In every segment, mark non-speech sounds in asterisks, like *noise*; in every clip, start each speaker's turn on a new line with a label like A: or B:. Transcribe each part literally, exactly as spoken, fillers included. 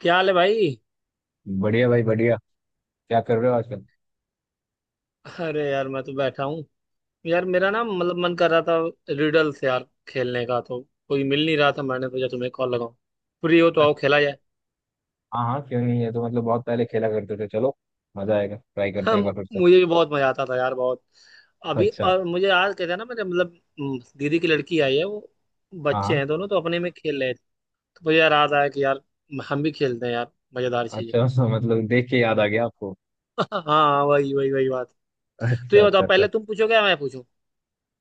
A: क्या हाल है भाई।
B: बढ़िया भाई बढ़िया। क्या कर रहे हो आजकल?
A: अरे यार मैं तो बैठा हूँ। यार मेरा ना मतलब मन कर रहा था रिडल्स यार खेलने का तो कोई मिल नहीं रहा था। मैंने सोचा तुम्हें कॉल लगाऊं, फ्री हो तो आओ खेला
B: अच्छा।
A: जाए।
B: हाँ हाँ, क्यों नहीं, ये तो मतलब बहुत पहले खेला करते थे। चलो, मजा आएगा, ट्राई करते हैं एक
A: हम।
B: बार फिर से।
A: मुझे भी बहुत मजा आता था यार बहुत। अभी
B: अच्छा।
A: और मुझे याद कहते हैं ना मेरे मतलब हम्म, दीदी की लड़की आई है, वो
B: हाँ
A: बच्चे
B: हाँ।
A: हैं दोनों तो अपने में खेल रहे थे। तो मुझे यार याद आया कि यार हम भी खेलते हैं यार मजेदार चीजें।
B: अच्छा। *laughs* हाँ, मतलब देख के याद आ गया आपको।
A: *laughs* हाँ, वही वही वही बात। तो
B: अच्छा
A: ये बताओ,
B: अच्छा अच्छा।
A: पहले तुम पूछोगे या मैं पूछूं।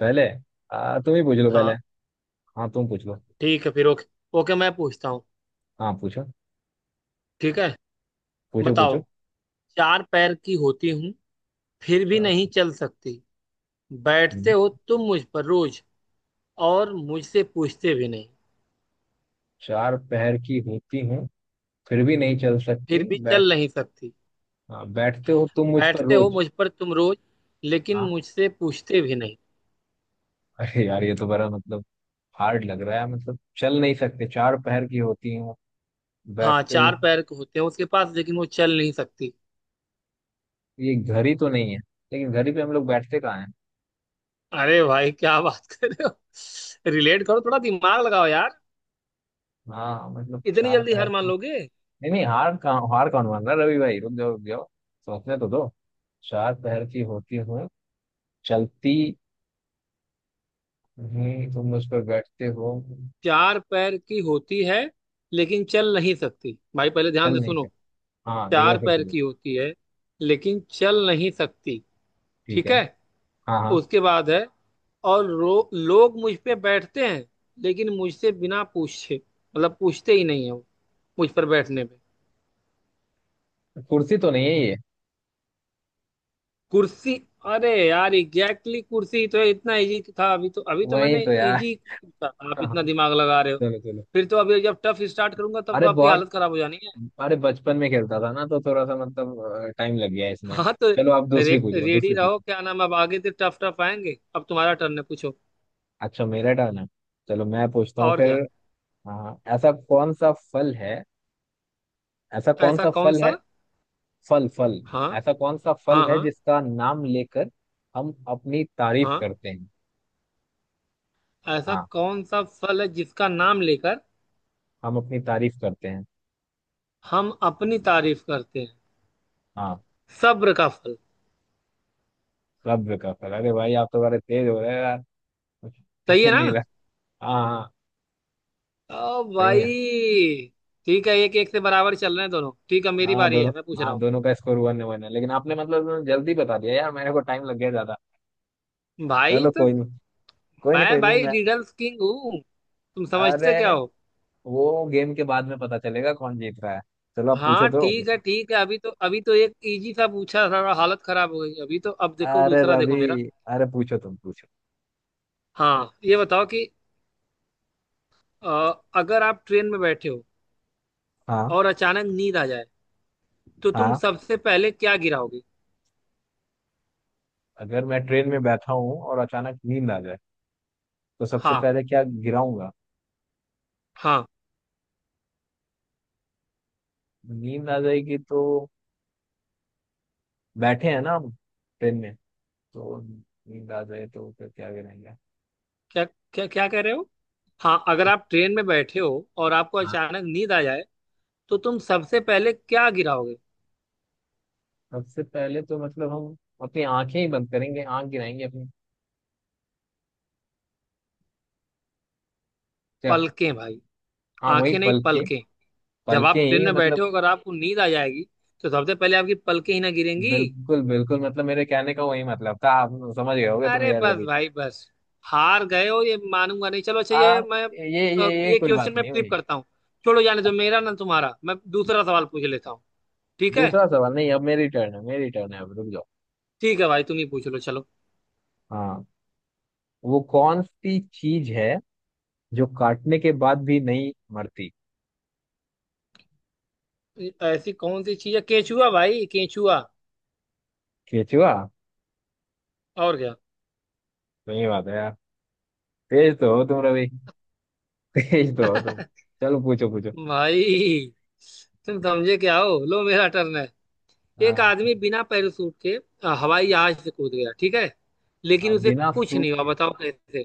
B: पहले। आ, तुम ही पूछ लो पहले।
A: हाँ,
B: हाँ तुम पूछ लो।
A: ठीक है फिर। ओके, ओके मैं पूछता हूँ।
B: हाँ, पूछो
A: ठीक है।
B: पूछो पूछो।
A: बताओ। चार पैर की होती हूँ, फिर भी
B: चार।
A: नहीं चल सकती। बैठते
B: हम्म,
A: हो तुम मुझ पर रोज, और मुझसे पूछते भी नहीं।
B: चार पैर की होती हूँ, फिर भी नहीं चल
A: फिर
B: सकती,
A: भी
B: बैठ।
A: चल नहीं सकती।
B: हाँ, बैठते हो तुम मुझ पर
A: बैठते हो
B: रोज।
A: मुझ पर तुम रोज, लेकिन
B: हाँ।
A: मुझसे पूछते भी नहीं।
B: *laughs* अरे यार, ये तो बड़ा मतलब हार्ड लग रहा है, मतलब चल नहीं सकते, चार पैर की होती हूँ,
A: हाँ,
B: बैठते हो।
A: चार पैर के होते हैं उसके पास लेकिन वो चल नहीं सकती।
B: ये घर ही तो नहीं है, लेकिन घर ही पे हम लोग बैठते कहाँ हैं।
A: अरे भाई क्या बात कर रहे हो, *laughs* रिलेट करो थोड़ा, दिमाग लगाओ यार।
B: हाँ मतलब
A: इतनी
B: चार
A: जल्दी
B: पैर
A: हार मान
B: की-।
A: लोगे।
B: नहीं नहीं, हार कहाँ, हार कौन मान रहा है, रवि भाई रुक जाओ रुक जाओ, सोचने तो दो। चार पैर की होती हुए, चलती, नहीं तुम उस पर बैठते हो,
A: चार पैर की होती है, लेकिन चल नहीं सकती भाई, पहले ध्यान
B: चल
A: से
B: नहीं
A: सुनो।
B: सकते। हाँ एक
A: चार
B: बार फिर
A: पैर
B: तुम।
A: की होती है, लेकिन चल नहीं सकती।
B: ठीक
A: ठीक
B: है।
A: है।
B: हाँ हाँ।
A: उसके बाद है और रो, लोग मुझ पे बैठते हैं लेकिन मुझसे बिना पूछे, मतलब पूछते ही नहीं है वो मुझ पर बैठने पे।
B: कुर्सी तो नहीं है ये?
A: कुर्सी। अरे यार एग्जैक्टली exactly, कुर्सी तो इतना इजी था, अभी तो अभी तो
B: वही
A: मैंने
B: तो यार।
A: इजी पूछा। आप
B: हाँ,
A: इतना दिमाग लगा रहे हो।
B: चलो चलो।
A: फिर तो अभी जब टफ स्टार्ट करूंगा तब तो
B: अरे
A: आपकी
B: बहुत।
A: हालत खराब हो जानी है।
B: अरे बचपन में खेलता था ना, तो थोड़ा सा मतलब टाइम लग गया इसमें।
A: हाँ तो
B: चलो आप
A: रे,
B: दूसरी पूछो,
A: रेडी
B: दूसरी
A: रहो
B: पूछो।
A: क्या नाम, अब आगे से टफ टफ आएंगे। अब तुम्हारा टर्न है, पूछो।
B: अच्छा मेरा टर्न है, चलो मैं पूछता हूँ
A: और
B: फिर।
A: क्या।
B: हाँ हाँ। ऐसा कौन सा फल है, ऐसा कौन
A: ऐसा
B: सा
A: कौन
B: फल
A: सा।
B: है, फल फल,
A: हाँ
B: ऐसा कौन सा फल
A: हाँ
B: है
A: हाँ
B: जिसका नाम लेकर हम अपनी तारीफ
A: हाँ।
B: करते हैं?
A: ऐसा
B: हाँ,
A: कौन सा फल है जिसका नाम लेकर
B: हम अपनी तारीफ करते हैं।
A: हम अपनी तारीफ करते हैं।
B: हाँ।
A: सब्र का फल।
B: सब्र का फल। अरे भाई आप तो बड़े तेज हो रहे हैं यार। *laughs*
A: सही है
B: टाइम नहीं
A: ना।
B: लगा। हाँ हाँ,
A: ओ
B: सही है।
A: भाई। ठीक है, एक एक से बराबर चल रहे हैं दोनों। ठीक है, मेरी
B: हाँ
A: बारी है,
B: दोनों,
A: मैं पूछ रहा
B: हाँ
A: हूँ।
B: दोनों का स्कोर वन वन है, लेकिन आपने मतलब जल्दी बता दिया यार, मेरे को टाइम लग गया ज्यादा।
A: भाई
B: चलो
A: तो
B: कोई नहीं, कोई नहीं कोई
A: मैं
B: नहीं
A: भाई
B: मैं।
A: रिडल्स किंग हूँ। तुम
B: अरे,
A: समझते क्या हो।
B: वो गेम के बाद में पता चलेगा कौन जीत रहा है। चलो आप पूछो
A: हाँ
B: तो।
A: ठीक है, ठीक है। अभी तो अभी तो एक इजी सा पूछा था, हालत खराब हो गई। अभी तो अब देखो,
B: अरे
A: दूसरा देखो
B: रवि,
A: मेरा।
B: अरे पूछो तुम पूछो।
A: हाँ ये बताओ कि अ, अगर आप ट्रेन में बैठे हो
B: हाँ
A: और अचानक नींद आ जाए, तो तुम
B: हाँ।
A: सबसे पहले क्या गिराओगे।
B: अगर मैं ट्रेन में बैठा हूँ और अचानक नींद आ जाए, तो सबसे
A: हाँ
B: पहले क्या गिराऊंगा?
A: हाँ।
B: नींद आ जाएगी तो, बैठे हैं ना हम ट्रेन में, तो नींद आ जाए तो फिर क्या गिराएंगे?
A: क्या, क्या क्या कह रहे हो। हाँ, अगर आप ट्रेन में बैठे हो और आपको
B: हाँ,
A: अचानक नींद आ जाए, तो तुम सबसे पहले क्या गिराओगे।
B: सबसे पहले तो मतलब हम अपनी आंखें ही बंद करेंगे, आंख गिराएंगे अपनी। क्या?
A: पलकें भाई।
B: हाँ वही
A: आंखें नहीं,
B: पलके,
A: पलकें। जब
B: पलके
A: आप ट्रेन
B: ही
A: में बैठे
B: मतलब।
A: हो, अगर आपको नींद आ जाएगी तो सबसे पहले आपकी पलकें ही ना गिरेंगी।
B: बिल्कुल बिल्कुल, मतलब मेरे कहने का वही मतलब था, आप समझ गए होगे तुम
A: अरे
B: यार
A: बस
B: रवि।
A: भाई बस। हार गए हो ये मानूंगा नहीं, चलो अच्छा
B: आ
A: ये मैं
B: ये
A: अ,
B: ये ये
A: ये
B: कोई बात
A: क्वेश्चन मैं
B: नहीं
A: फ्लिप
B: हुई।
A: करता हूँ। छोड़ो जाने दो, मेरा ना तुम्हारा, मैं दूसरा सवाल पूछ लेता हूँ। ठीक है,
B: दूसरा सवाल नहीं, अब मेरी टर्न है, मेरी टर्न है, अब रुक जाओ।
A: ठीक है भाई तुम ही पूछ लो चलो।
B: हाँ, वो कौन सी चीज है जो काटने के बाद भी नहीं मरती?
A: ऐसी कौन सी चीज है, केचुआ भाई केचुआ।
B: केचुआ।
A: और क्या।
B: सही बात है यार, तेज तो हो तुम रवि। *laughs* तेज तो हो तुम।
A: *laughs*
B: चलो पूछो पूछो।
A: भाई तुम समझे क्या हो, लो मेरा टर्न है। एक
B: हाँ
A: आदमी बिना पैराशूट के अ, हवाई जहाज से कूद गया, ठीक है, लेकिन
B: हाँ,
A: उसे
B: बिना
A: कुछ
B: सूट
A: नहीं हुआ,
B: के,
A: बताओ कैसे।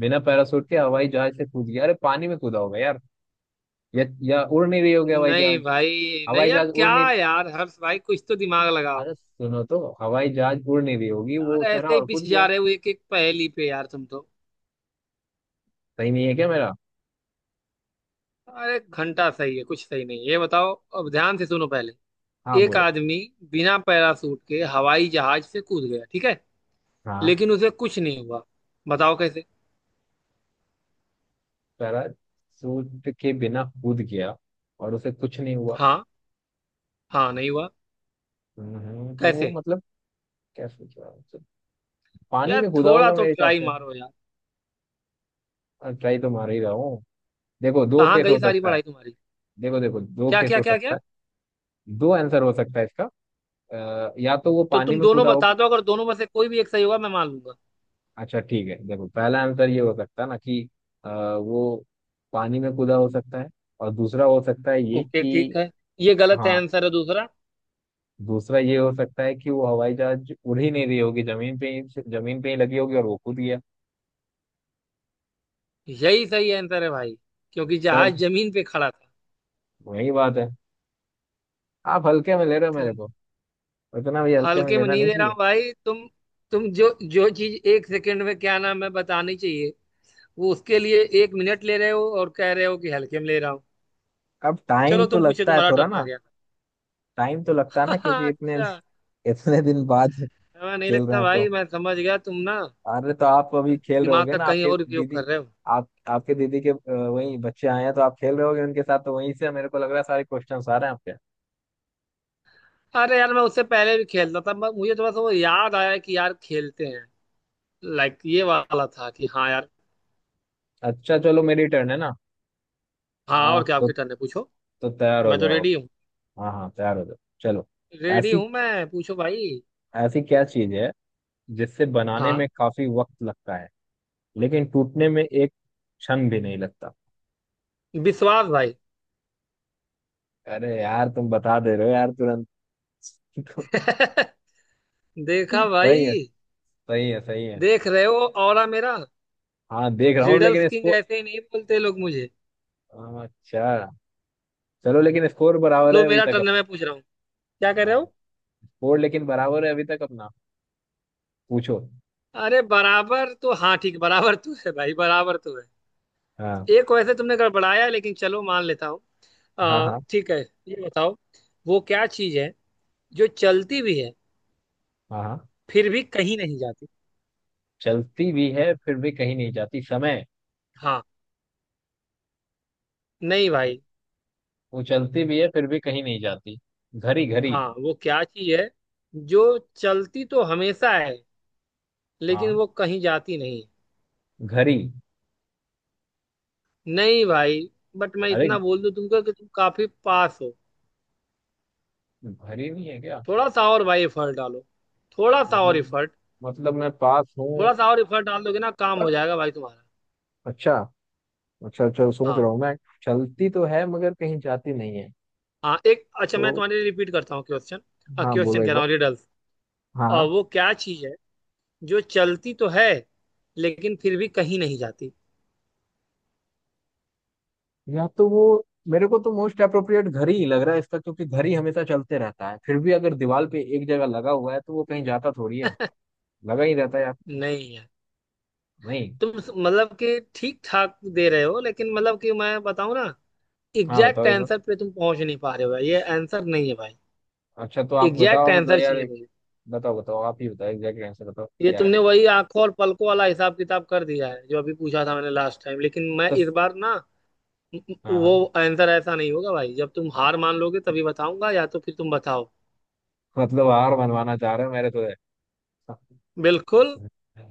B: बिना पैरासूट के हवाई जहाज से कूद गया, अरे पानी में कूदा होगा यार, या, या उड़ नहीं रही होगी हवाई
A: नहीं
B: जहाज,
A: भाई नहीं
B: हवाई
A: यार,
B: जहाज उड़
A: क्या।
B: नहीं।
A: यार हर्ष भाई, कुछ तो दिमाग लगाओ।
B: अरे सुनो तो, हवाई जहाज उड़ नहीं रही होगी,
A: यार
B: वो चढ़ा
A: ऐसे ही
B: और कूद
A: पिस
B: गया।
A: जा रहे हो एक एक पहेली पे, यार तुम तो।
B: सही नहीं है क्या मेरा?
A: अरे घंटा सही है, कुछ सही नहीं है। ये बताओ, अब ध्यान से सुनो पहले।
B: हाँ
A: एक
B: बोलो।
A: आदमी बिना पैराशूट के हवाई जहाज से कूद गया, ठीक है,
B: हाँ,
A: लेकिन उसे कुछ नहीं हुआ, बताओ कैसे।
B: पैराशूट के बिना कूद गया और उसे कुछ नहीं हुआ।
A: हाँ हाँ, नहीं हुआ।
B: हम्म, तो वो
A: कैसे।
B: मतलब, कैसे क्या तो, पानी
A: यार
B: में कूदा
A: थोड़ा
B: होगा
A: तो
B: मेरे हिसाब
A: ट्राई
B: से।
A: मारो यार।
B: ट्राई तो मार ही रहा हूँ। देखो दो
A: कहाँ
B: केस
A: गई
B: हो
A: सारी
B: सकता है।
A: पढ़ाई तुम्हारी।
B: देखो देखो, दो
A: क्या
B: केस
A: क्या,
B: हो
A: क्या
B: सकता
A: क्या।
B: है, दो आंसर हो सकता है इसका। अ, या तो वो
A: तो
B: पानी
A: तुम
B: में
A: दोनों
B: कूदा
A: बता
B: होगा।
A: दो, अगर दोनों में से कोई भी एक सही होगा मैं मान लूंगा।
B: अच्छा ठीक है, देखो पहला आंसर ये हो सकता है ना कि अ, वो पानी में कूदा हो सकता है। और दूसरा हो सकता है ये
A: ओके
B: कि,
A: ठीक है। ये गलत है,
B: हाँ,
A: आंसर है दूसरा।
B: दूसरा ये हो सकता है कि वो हवाई जहाज उड़ ही नहीं रही होगी, जमीन पे ही, जमीन पे ही लगी होगी और वो कूद गया।
A: यही सही आंसर है भाई, क्योंकि
B: तब
A: जहाज जमीन पे खड़ा था।
B: वही बात है। आप हल्के में ले रहे हो मेरे
A: तुम,
B: को, इतना भी हल्के में
A: हल्के में
B: लेना
A: नहीं
B: नहीं
A: ले रहा हूँ
B: चाहिए।
A: भाई तुम। तुम जो जो चीज एक सेकंड में क्या नाम है बतानी चाहिए, वो उसके लिए एक मिनट ले रहे हो, और कह रहे हो कि हल्के में ले रहा हूँ।
B: अब टाइम
A: चलो
B: तो
A: तुम पूछे,
B: लगता है
A: तुम्हारा
B: थोड़ा
A: टर्न आ
B: ना।
A: गया।
B: टाइम तो लगता है ना
A: *laughs*
B: क्योंकि इतने
A: अच्छा।
B: *laughs* इतने दिन बाद
A: हमें नहीं
B: खेल रहे
A: लगता
B: हैं
A: भाई,
B: तो।
A: मैं समझ गया तुम ना
B: अरे तो आप अभी खेल रहे
A: दिमाग
B: होगे
A: का
B: ना,
A: कहीं
B: आपके
A: और उपयोग
B: दीदी,
A: कर रहे हो।
B: आप आपके दीदी के अ, वही बच्चे आए हैं, तो आप खेल रहे होगे उनके साथ, तो वहीं से मेरे को लग रहा है सारे क्वेश्चन आ रहे हैं आपके।
A: अरे यार, मैं उससे पहले भी खेलता था, मैं- मुझे थोड़ा सा वो याद आया कि यार खेलते हैं, लाइक ये वाला था कि हाँ यार।
B: अच्छा चलो, मेरी टर्न है ना।
A: हाँ और
B: हाँ
A: क्या,
B: तो
A: आपकी टर्न है पूछो।
B: तो तैयार हो
A: मैं तो
B: जाओ।
A: रेडी हूँ।
B: हाँ हाँ, तैयार हो जाओ। चलो।
A: रेडी
B: ऐसी,
A: हूँ मैं, पूछो भाई।
B: ऐसी क्या चीज है जिससे बनाने
A: हाँ।
B: में काफी वक्त लगता है, लेकिन टूटने में एक क्षण भी नहीं लगता?
A: विश्वास भाई।
B: अरे यार तुम बता दे रहे हो यार तुरंत। *laughs*
A: *laughs* देखा
B: सही है,
A: भाई।
B: सही है सही है।
A: देख रहे हो, ऑरा मेरा।
B: हाँ देख रहा हूँ लेकिन
A: रिडल्स किंग
B: इसको,
A: ऐसे ही नहीं बोलते लोग मुझे।
B: अच्छा चलो, लेकिन स्कोर बराबर
A: लो
B: है अभी
A: मेरा
B: तक
A: टर्न है,
B: अपना।
A: मैं पूछ रहा हूँ। क्या कर
B: हाँ,
A: रहे हो।
B: स्कोर लेकिन बराबर है अभी तक अपना। पूछो।
A: अरे बराबर तो, हाँ ठीक, बराबर तो है भाई, बराबर तो है।
B: हाँ
A: एक वैसे तुमने गड़बड़ाया, लेकिन चलो मान लेता हूँ।
B: हाँ।
A: आ,
B: हाँ
A: ठीक है। ये बताओ, वो क्या चीज है जो चलती भी है
B: हाँ। हाँ,
A: फिर भी कहीं नहीं जाती।
B: चलती भी है फिर भी कहीं नहीं जाती, समय।
A: हाँ, नहीं भाई।
B: वो चलती भी है फिर भी कहीं नहीं जाती। घड़ी, घड़ी।
A: हाँ वो क्या चीज है जो चलती तो हमेशा है, लेकिन
B: हाँ।
A: वो कहीं जाती नहीं।
B: घरी।
A: नहीं भाई, बट मैं
B: अरे,
A: इतना बोल दूं तुमको कि तुम काफी पास हो।
B: घरी नहीं है क्या?
A: थोड़ा सा और भाई एफर्ट डालो, थोड़ा सा और
B: मतलब,
A: एफर्ट।
B: मतलब मैं पास हूँ?
A: थोड़ा सा और एफर्ट डाल दोगे ना, काम
B: पर,
A: हो जाएगा भाई तुम्हारा।
B: अच्छा, अच्छा अच्छा सोच
A: हाँ
B: रहा हूँ मैं। चलती तो है मगर कहीं जाती नहीं है।
A: हाँ, एक अच्छा मैं
B: तो,
A: तुम्हारे लिए रिपीट करता हूँ क्वेश्चन।
B: हाँ बोलो
A: क्वेश्चन
B: एक
A: कह
B: बार।
A: रहा हूँ, रिडल्स,
B: हाँ,
A: वो क्या चीज है जो चलती तो है, लेकिन फिर भी कहीं नहीं जाती।
B: या तो वो, मेरे को तो मोस्ट अप्रोप्रिएट घर ही लग रहा है इसका, क्योंकि घर ही हमेशा चलते रहता है, फिर भी अगर दीवार पे एक जगह लगा हुआ है तो वो कहीं जाता थोड़ी है, लगा ही रहता है यार।
A: नहीं है।
B: नहीं।
A: तुम स- मतलब कि ठीक ठाक दे रहे हो, लेकिन मतलब कि मैं बताऊँ ना,
B: हाँ बताओ
A: एग्जैक्ट
B: एक बार।
A: आंसर पे तुम पहुंच नहीं पा रहे हो भाई, ये आंसर नहीं है भाई।
B: अच्छा तो आप
A: एग्जैक्ट
B: बताओ मतलब
A: आंसर
B: यार
A: चाहिए
B: एक,
A: मुझे।
B: बताओ बताओ, आप ही बताओ एग्जैक्ट आंसर, बताओ
A: ये
B: क्या है।
A: तुमने वही आंखों और पलकों वाला हिसाब किताब कर दिया है जो अभी पूछा था मैंने लास्ट टाइम, लेकिन मैं
B: तो,
A: इस बार ना
B: हाँ हाँ,
A: वो आंसर ऐसा नहीं होगा भाई। जब तुम हार मान लोगे तभी बताऊंगा, या तो फिर तुम बताओ।
B: मतलब हार मनवाना चाह रहे हो मेरे तो।
A: बिल्कुल।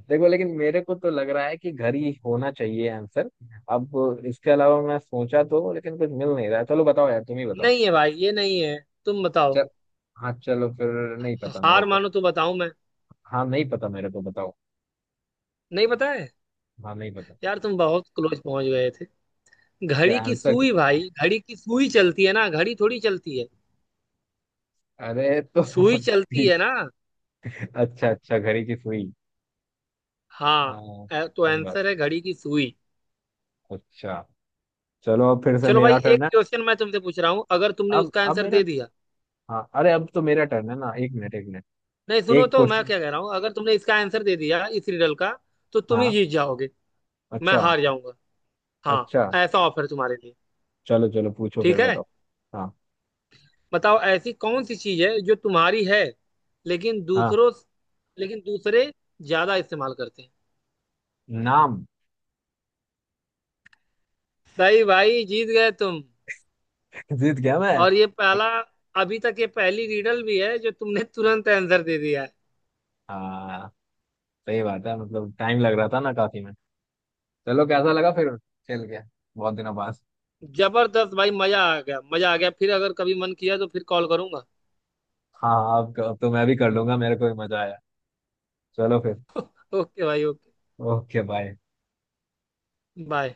B: देखो लेकिन मेरे को तो लग रहा है कि घर ही होना चाहिए आंसर। अब इसके अलावा मैं सोचा तो लेकिन कुछ मिल नहीं रहा है। चलो बताओ यार, तुम ही बताओ।
A: नहीं है भाई, ये नहीं है। तुम बताओ।
B: चल, हाँ चलो फिर, नहीं पता मेरे
A: हार
B: को।
A: मानो तो बताऊं मैं।
B: हाँ नहीं पता मेरे को, बताओ।
A: नहीं पता है।
B: हाँ नहीं पता।
A: यार तुम बहुत क्लोज पहुंच गए थे।
B: क्या
A: घड़ी की
B: आंसर, क्या?
A: सुई भाई, घड़ी की सुई चलती है ना, घड़ी थोड़ी चलती है।
B: अरे तो *laughs*
A: सुई चलती
B: ठीक,
A: है ना।
B: अच्छा अच्छा घड़ी की सुई।
A: हाँ,
B: हाँ
A: अ, तो
B: सही बात।
A: आंसर है घड़ी की सुई।
B: अच्छा चलो, अब फिर से
A: चलो भाई,
B: मेरा टर्न
A: एक
B: है।
A: क्वेश्चन मैं तुमसे पूछ रहा हूँ, अगर तुमने
B: अब
A: उसका
B: अब
A: आंसर
B: मेरा,
A: दे दिया।
B: हाँ अरे अब तो मेरा टर्न है ना, एक मिनट एक मिनट।
A: नहीं सुनो
B: एक
A: तो, मैं
B: क्वेश्चन,
A: क्या कह रहा हूँ, अगर तुमने इसका आंसर दे दिया इस रिडल का तो तुम ही
B: हाँ।
A: जीत जाओगे, मैं
B: अच्छा,
A: हार जाऊंगा। हाँ,
B: अच्छा।
A: ऐसा ऑफर तुम्हारे लिए।
B: चलो चलो पूछो फिर
A: ठीक है,
B: बताओ। हाँ।
A: बताओ, ऐसी कौन सी चीज है जो तुम्हारी है, लेकिन
B: हाँ।
A: दूसरों, लेकिन दूसरे ज्यादा इस्तेमाल करते हैं।
B: नाम।
A: सही भाई, जीत गए तुम।
B: *laughs* जीत गया मैं।
A: और ये पहला, अभी तक ये पहली रिडल भी है जो तुमने तुरंत आंसर दे दिया है।
B: हाँ सही बात है, मतलब टाइम लग रहा था ना काफी में। चलो कैसा लगा फिर खेल के, बहुत दिनों बाद।
A: जबरदस्त भाई, मजा आ गया, मजा आ गया। फिर अगर कभी मन किया तो फिर कॉल करूंगा।
B: हाँ, अब अब तो मैं भी कर लूंगा, मेरे को भी मजा आया। चलो फिर।
A: ओके भाई, ओके,
B: ओके बाय।
A: बाय।